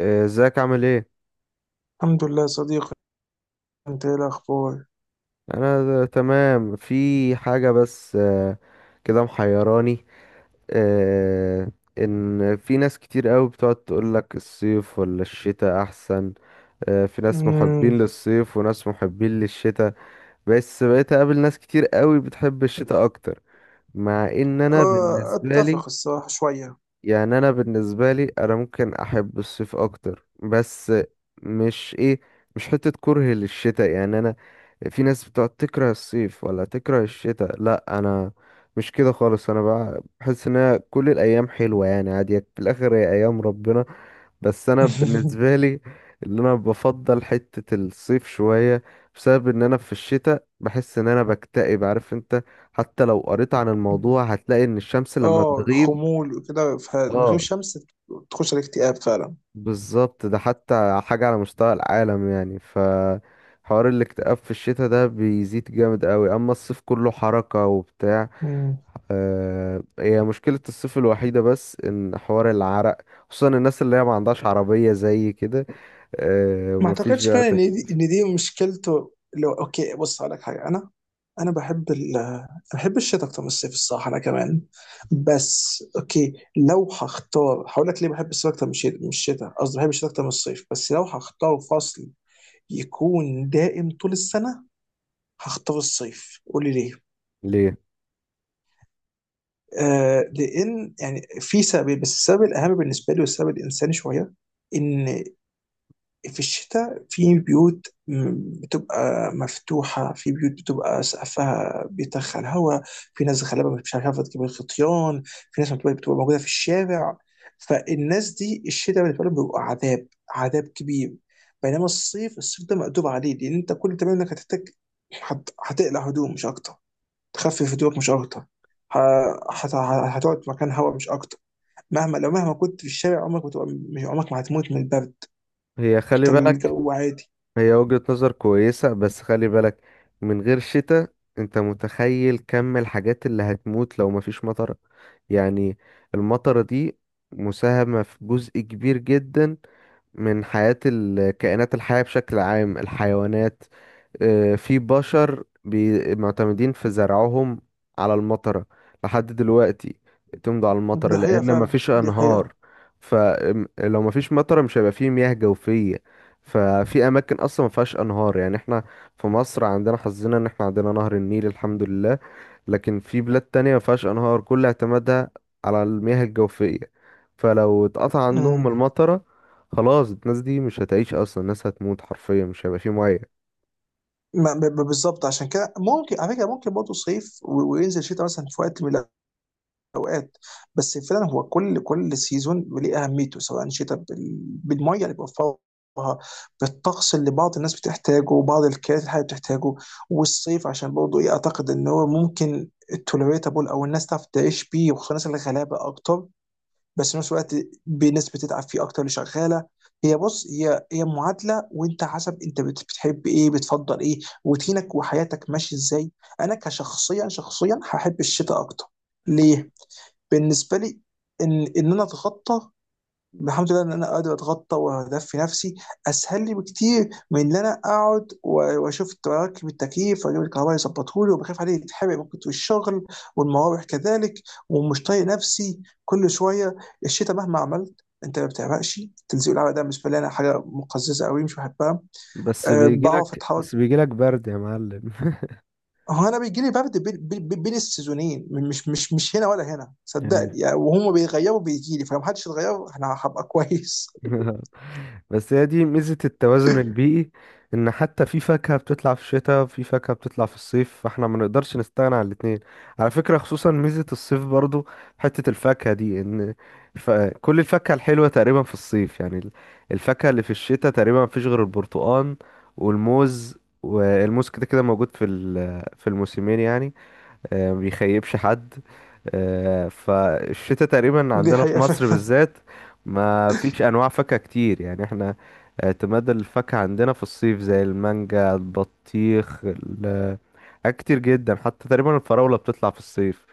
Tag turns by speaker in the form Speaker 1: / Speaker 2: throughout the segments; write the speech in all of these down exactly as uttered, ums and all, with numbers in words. Speaker 1: إيه، ازيك عامل ايه؟
Speaker 2: الحمد لله صديقي. انت ايه الاخبار؟
Speaker 1: انا تمام، في حاجة بس آه، كده محيراني. آه، ان في ناس كتير قوي بتقعد تقولك الصيف ولا الشتاء احسن؟ آه، في ناس محبين
Speaker 2: امم
Speaker 1: للصيف وناس محبين للشتاء. بس بقيت اقابل ناس كتير قوي بتحب الشتاء اكتر، مع ان انا
Speaker 2: آه،
Speaker 1: بالنسبة
Speaker 2: اتفق
Speaker 1: لي،
Speaker 2: الصراحه شويه.
Speaker 1: يعني انا بالنسبه لي، انا ممكن احب الصيف اكتر، بس مش ايه مش حته كره للشتاء، يعني انا، في ناس بتقعد تكره الصيف ولا تكره الشتاء، لا انا مش كده خالص. انا بقى بحس ان أنا كل الايام حلوه، يعني عادي، في الاخر هي ايام ربنا. بس انا بالنسبه لي، اللي انا بفضل حته الصيف شويه، بسبب ان انا في الشتاء بحس ان انا بكتئب، عارف انت؟ حتى لو قريت عن الموضوع هتلاقي ان الشمس لما
Speaker 2: اه،
Speaker 1: بتغيب.
Speaker 2: خمول وكده، فمن غير
Speaker 1: اه،
Speaker 2: شمس تخش على الاكتئاب فعلا.
Speaker 1: بالظبط. ده حتى حاجة على مستوى العالم، يعني، ف حوار الاكتئاب في الشتاء ده بيزيد جامد قوي، اما الصيف كله حركة وبتاع.
Speaker 2: مم.
Speaker 1: آه، هي مشكلة الصيف الوحيدة بس ان حوار العرق، خصوصا الناس اللي هي ما عندهاش عربية زي كده، آه،
Speaker 2: ما
Speaker 1: ومفيش
Speaker 2: اعتقدش
Speaker 1: بقى
Speaker 2: فعلا ان دي,
Speaker 1: تكييف.
Speaker 2: ان دي مشكلته. لو اوكي بص هقول لك حاجه. انا انا بحب ال بحب الشتاء اكتر من الصيف الصراحه، انا كمان. بس اوكي، لو هختار هقول لك ليه بحب الصيف اكتر من الشتاء من الشتاء قصدي بحب الشتاء اكتر من الصيف. بس لو هختار فصل يكون دائم طول السنه، هختار الصيف. قولي ليه.
Speaker 1: ليه؟
Speaker 2: آه، لان يعني في سبب، بس السبب الاهم بالنسبه لي والسبب الانساني شويه، ان في الشتاء في بيوت م- بتبقى مفتوحه، في بيوت بتبقى سقفها بيدخل هواء، في ناس غالبا مش عارفه تجيب الخطيان، في ناس بتبقى بتبقى موجوده في الشارع. فالناس دي الشتاء بالنسبه لهم بيبقى عذاب، عذاب كبير. بينما الصيف، الصيف ده مقدور عليه، لان انت كل اللي بتعمله انك هتحتاج هت- هتقلع هدوم مش اكتر، تخفف هدوءك مش اكتر، ه- هت- هتقعد في مكان هواء مش اكتر. مهما لو مهما كنت في الشارع، عمرك بتبقى مش عمرك ما هتموت من البرد.
Speaker 1: هي خلي
Speaker 2: انت
Speaker 1: بالك،
Speaker 2: الجو عادي.
Speaker 1: هي وجهة نظر كويسة بس خلي بالك، من غير شتاء انت متخيل كم الحاجات اللي هتموت لو مفيش مطر؟ يعني المطرة دي مساهمة في جزء كبير جدا من حياة الكائنات الحية بشكل عام، الحيوانات. آه، في بشر بي- معتمدين في زرعهم على المطرة، لحد دلوقتي بيعتمدوا على المطرة
Speaker 2: دي حقيقة
Speaker 1: لأن
Speaker 2: فعلا،
Speaker 1: مفيش
Speaker 2: دي
Speaker 1: أنهار.
Speaker 2: حقيقة.
Speaker 1: فلو مفيش مطرة، مش هيبقى فيه مياه جوفية. ففي أماكن أصلا مفيهاش أنهار، يعني احنا في مصر عندنا حظنا إن احنا عندنا نهر النيل الحمد لله. لكن في بلاد تانية مفيهاش أنهار، كل اعتمادها على المياه الجوفية. فلو اتقطع عندهم
Speaker 2: امم
Speaker 1: المطرة، خلاص الناس دي مش هتعيش أصلا، الناس هتموت حرفيا، مش هيبقى فيه مياه.
Speaker 2: ما- ب- ب- بالظبط. عشان كده ممكن، على فكرة، ممكن برضه صيف و- وينزل شتاء مثلا في وقت من اوقات. بس فعلا هو كل كل سيزون ليه اهميته، سواء شتاء بال- بالميه اللي بيوفرها، بالطقس اللي بعض الناس بتحتاجه وبعض الكائنات الحيه بتحتاجه. والصيف عشان برضه ايه، اعتقد ان هو ممكن التوليريتابل، او الناس تعرف تعيش بيه، وخصوصا الناس الغلابه اكتر. بس في نفس الوقت بناس بتتعب فيه اكتر، اللي شغاله. هي بص، هي هي معادله. وانت حسب انت بت- بتحب ايه، بتفضل ايه، روتينك وحياتك ماشي ازاي. انا كشخصيا، شخصيا هحب الشتاء اكتر. ليه؟ بالنسبه لي، ان ان انا اتخطى، الحمد لله ان انا قادر اتغطى واهدفي نفسي اسهل لي بكتير من ان انا اقعد و- واشوف اركب التكييف واجيب الكهرباء يظبطه لي، وبخاف عليه يتحرق ممكن في الشغل، والمراوح كذلك، ومش طايق نفسي كل شويه. الشتاء مهما عملت انت ما بتعرقش. تلزيق العرق ده بالنسبه لي انا حاجه مقززه قوي، مش بحبها.
Speaker 1: بس
Speaker 2: أه،
Speaker 1: بيجي
Speaker 2: بعرف
Speaker 1: لك
Speaker 2: اتحرك.
Speaker 1: بس بيجي لك برد يا معلم.
Speaker 2: هو انا بيجي لي برد بين بين- بين السيزونين، مش مش مش هنا ولا هنا،
Speaker 1: يعني
Speaker 2: صدقني يعني، وهم بيغيروا بيجي لي. فلو محدش اتغير انا هبقى كويس.
Speaker 1: بس هي دي ميزة التوازن البيئي، ان حتى في فاكهة بتطلع في الشتاء، في فاكهة بتطلع في الصيف، فاحنا ما نقدرش نستغنى عن الاتنين. على فكرة، خصوصا ميزة الصيف برضو، حتة الفاكهة دي ان ف... كل الفاكهة الحلوة تقريبا في الصيف، يعني ال- الفاكهة اللي في الشتاء تقريبا ما فيش غير البرتقال والموز والموز كده كده موجود في ال... في الموسمين يعني. آه، ما بيخيبش حد. آه، فالشتاء تقريبا
Speaker 2: دي
Speaker 1: عندنا في
Speaker 2: حقيقة
Speaker 1: مصر
Speaker 2: فعلا.
Speaker 1: بالذات ما فيش انواع فاكهة كتير، يعني احنا اعتماد الفاكهة عندنا في الصيف زي المانجا، البطيخ، ال- حاجات كتير جدا، حتى تقريبا الفراولة بتطلع في الصيف.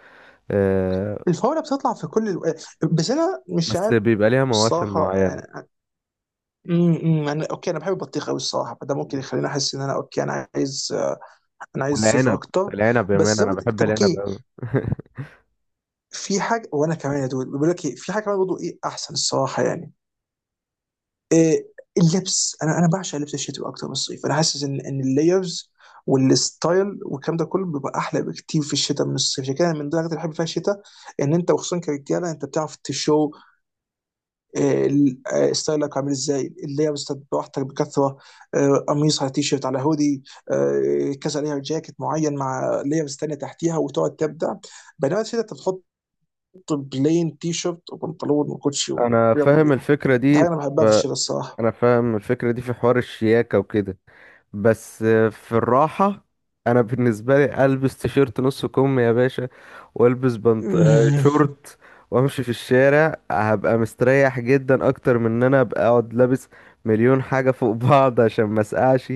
Speaker 1: آه،
Speaker 2: الفورة بتطلع في كل الو... بس انا مش
Speaker 1: بس
Speaker 2: عارف
Speaker 1: بيبقى ليها مواسم
Speaker 2: الصراحة.
Speaker 1: معينة.
Speaker 2: انا م- م- انا اوكي، انا بحب البطيخ قوي الصراحة، فده ممكن يخليني احس ان انا اوكي، انا عايز، آه، انا عايز صيف
Speaker 1: والعنب
Speaker 2: اكتر.
Speaker 1: العنب يا
Speaker 2: بس
Speaker 1: مان
Speaker 2: زي ما
Speaker 1: انا
Speaker 2: قلت،
Speaker 1: بحب
Speaker 2: طب
Speaker 1: العنب
Speaker 2: اوكي،
Speaker 1: قوي.
Speaker 2: في حاجة. وانا كمان يا دود بيقول لك إيه، في حاجة كمان برضه ايه احسن الصراحة يعني. إيه، اللبس، انا انا بعشق لبس الشتوي اكتر من الصيف. انا حاسس ان ان اللايرز والستايل والكلام ده كله بيبقى احلى بكتير في الشتاء من الصيف. عشان كده، من ضمن الحاجات اللي بحب فيها الشتاء ان انت، وخصوصا كرجاله، انت بتعرف تشو، آه، ال- آه، ستايلك عامل ازاي، اللايرز براحتك بكثره. آه، قميص على تي شيرت على هودي، آه، كذا لاير، جاكيت معين مع لايرز تانيه تحتيها، وتقعد تبدع. بينما الشتاء انت بتحط بلين تي شيرت وبنطلون وكوتشي
Speaker 1: انا
Speaker 2: ويلا
Speaker 1: فاهم
Speaker 2: بينا.
Speaker 1: الفكرة
Speaker 2: ده
Speaker 1: دي.
Speaker 2: حاجه انا
Speaker 1: ف...
Speaker 2: بحبها في الشتاء الصراحه.
Speaker 1: انا فاهم الفكرة دي في حوار الشياكة وكده، بس في الراحة، انا بالنسبة لي البس تيشيرت نص كم يا باشا، والبس بنط آه، شورت، وامشي في الشارع هبقى مستريح جدا اكتر من ان انا ابقى اقعد لابس مليون حاجة فوق بعض عشان ما اسقعش،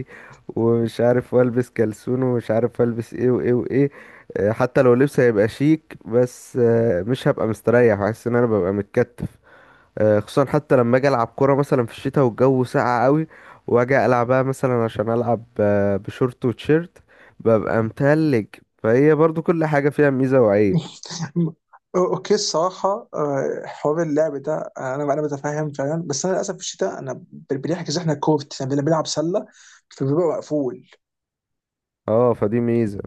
Speaker 1: ومش عارف والبس كلسون ومش عارف البس ايه وايه وايه. آه، حتى لو لبس هيبقى شيك بس آه، مش هبقى مستريح، حاسس ان انا ببقى متكتف. آه، خصوصا حتى لما اجي العب كوره مثلا في الشتاء والجو ساقع قوي، واجي العبها مثلا عشان العب آه، بشورت وتيشيرت ببقى متلج. فهي برضو كل حاجه فيها ميزه وعيب.
Speaker 2: اوكي الصراحه، آه، حوار اللعب ده، آه، انا انا بتفهم فعلا. بس انا للاسف في الشتاء انا ب- بنحجز، احنا كورت احنا بن- بنلعب سله فبيبقى مقفول.
Speaker 1: اه، فدي ميزه.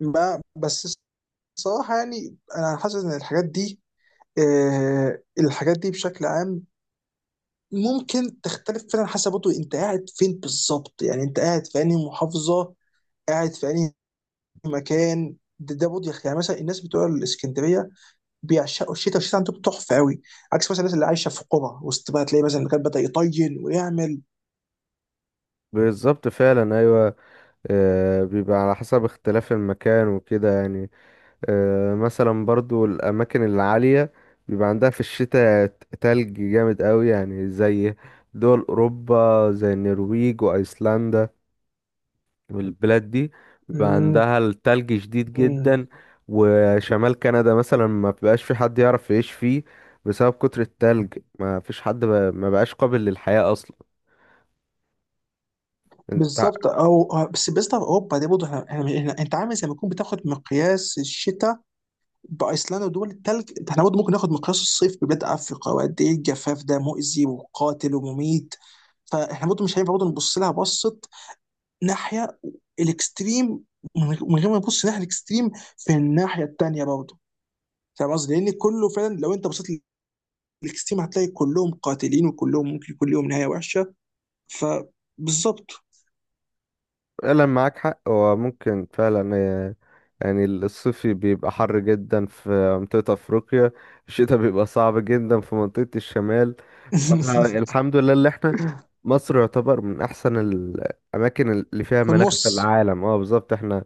Speaker 2: ما بس الصراحه يعني، انا حاسس ان الحاجات دي، آه، الحاجات دي بشكل عام ممكن تختلف فعلا حسب برضه انت قاعد فين بالظبط. يعني انت قاعد في انهي محافظه، قاعد في انهي مكان. ده, ده برضه يخ- يعني مثلا الناس بتوع الاسكندريه بيعشقوا الشتاء، والشتاء عندهم تحفه قوي، عكس مثلا الناس اللي عايشه في قرى وسط. بقى تلاقي مثلا كان بدا يطين ويعمل.
Speaker 1: بالظبط فعلا، ايوه. آه، بيبقى على حسب اختلاف المكان وكده يعني. آه، مثلا برضو الاماكن العاليه بيبقى عندها في الشتاء تلج جامد قوي، يعني زي دول اوروبا زي النرويج وايسلندا، البلاد دي بيبقى
Speaker 2: مم.
Speaker 1: عندها التلج شديد جدا. وشمال كندا مثلا ما بيبقاش في حد يعرف يعيش فيه بسبب كتر التلج، ما فيش حد ب... ما بقاش قابل للحياة اصلا. انت،
Speaker 2: بالظبط. او أو- بس بالنسبه لاوروبا دي برضه، احنا احنا- احنا- انت عامل زي ما تكون بتاخد مقياس الشتاء بايسلندا ودول التلج ده. احنا برضه ممكن ناخد مقياس الصيف ببلاد افريقيا، وقد ايه الجفاف ده مؤذي وقاتل ومميت. فاحنا برضه مش هينفع برضه نبص لها بصه ناحيه الاكستريم. من غير من غير ما نبص ناحيه الاكستريم في الناحيه التانيه برضه. فاهم قصدي؟ لان كله فعلا لو انت بصيت نكس تيم، هتلاقي كلهم قاتلين وكلهم ممكن يكون لهم نهايه وحشه. فبالظبط.
Speaker 1: فعلا معاك حق، هو ممكن فعلا آه، يعني الصيف بيبقى حر جدا في منطقة أفريقيا، الشتاء بيبقى صعب جدا في منطقة الشمال. فاحنا الحمد لله اللي احنا، مصر يعتبر من أحسن الأماكن اللي فيها
Speaker 2: في
Speaker 1: مناخ في
Speaker 2: النص.
Speaker 1: العالم. اه، بالظبط احنا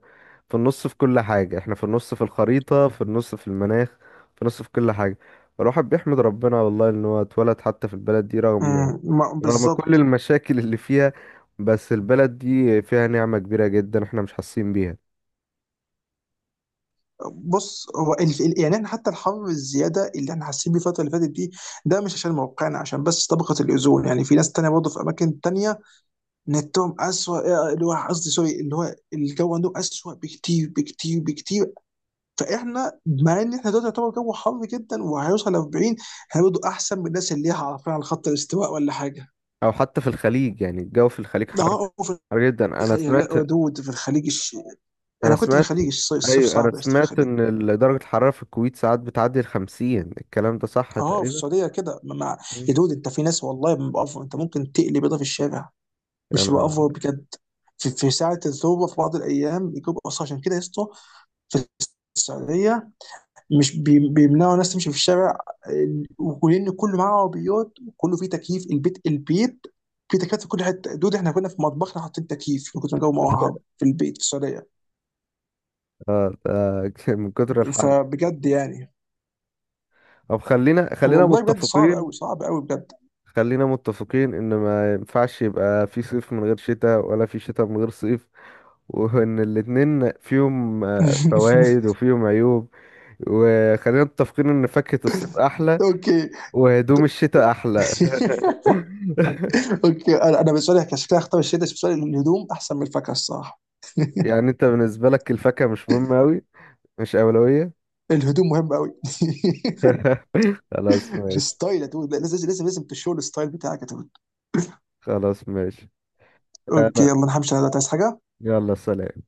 Speaker 1: في النص، في كل حاجة احنا في النص، في الخريطة في النص، في المناخ في النص، في كل حاجة. فالواحد بيحمد ربنا والله إن هو اتولد حتى في البلد دي، رغم
Speaker 2: آه، ما-
Speaker 1: رغم كل
Speaker 2: بالظبط.
Speaker 1: المشاكل اللي فيها. بس البلد دي فيها نعمة كبيرة جدا احنا مش حاسين بيها.
Speaker 2: بص، هو ال- ال- يعني احنا حتى الحر الزياده اللي احنا حاسين بيه الفتره اللي فاتت دي، ده مش عشان موقعنا، عشان بس طبقه الاوزون. يعني في ناس تانية برضه في اماكن تانية نتهم اسوء، اللي هو قصدي سوري، اللي هو الجو عندهم اسوء بكتير، بكتير، بكتير. فاحنا مع ان احنا دلوقتي يعتبر جو حر جدا وهيوصل ل أربعين، احنا برضه احسن من الناس اللي هي عارفين على خط الاستواء ولا حاجه.
Speaker 1: او حتى في الخليج، يعني الجو في الخليج حر،
Speaker 2: اه، في
Speaker 1: حر جدا. انا
Speaker 2: الخليج.
Speaker 1: سمعت
Speaker 2: لا دود، في الخليج الش...
Speaker 1: انا
Speaker 2: انا كنت في
Speaker 1: سمعت
Speaker 2: الخليج، الص- الصيف
Speaker 1: ايوه، انا
Speaker 2: صعب يا اسطى في
Speaker 1: سمعت
Speaker 2: الخليج.
Speaker 1: ان ال- درجة الحرارة في الكويت ساعات بتعدي الخمسين، الكلام ده صح
Speaker 2: اه، في
Speaker 1: تقريبا؟
Speaker 2: السعوديه كده مع...
Speaker 1: مم.
Speaker 2: يا دود، انت في ناس والله بأفر. انت ممكن تقلي بيضه في الشارع، مش
Speaker 1: انا
Speaker 2: بأفر بجد. في, في ساعه الذروه في بعض الايام يجيب اصلا. عشان كده يا اسطى، في السعوديه مش بي- بيمنعوا الناس تمشي في الشارع. آه، ولان كله معاه عربيات، وكله فيه تكييف البيت. البيت فيه تكييفات في كل حته. دول احنا كنا في مطبخنا حاطين تكييف من كتر ما الجو موهب في البيت في السعوديه.
Speaker 1: آه، آه، من كتر الحر.
Speaker 2: فبجد يعني،
Speaker 1: طب خلينا خلينا
Speaker 2: والله بجد صعب
Speaker 1: متفقين،
Speaker 2: قوي، صعب قوي بجد.
Speaker 1: خلينا متفقين ان ما ينفعش يبقى في صيف من غير شتاء ولا في شتاء من غير صيف، وان الاتنين فيهم فوائد وفيهم عيوب. وخلينا متفقين ان فاكهة الصيف احلى،
Speaker 2: اوكي.
Speaker 1: وهدوم الشتاء احلى.
Speaker 2: اوكي، انا انا بالنسبه لي كشكلها اختار الشتا، بس بالنسبه لي الهدوم احسن من الفاكهه الصراحه.
Speaker 1: يعني انت بالنسبة لك الفاكهة مش مهمة اوي، مش اولوية؟
Speaker 2: الهدوم مهم قوي.
Speaker 1: خلاص ماشي.
Speaker 2: الستايل يا دود، لازم لازم لازم تشوف الستايل بتاعك يا دود.
Speaker 1: خلاص ماشي.
Speaker 2: اوكي،
Speaker 1: انا،
Speaker 2: يلا نحمش على ده. عايز حاجه؟
Speaker 1: يلا سلام.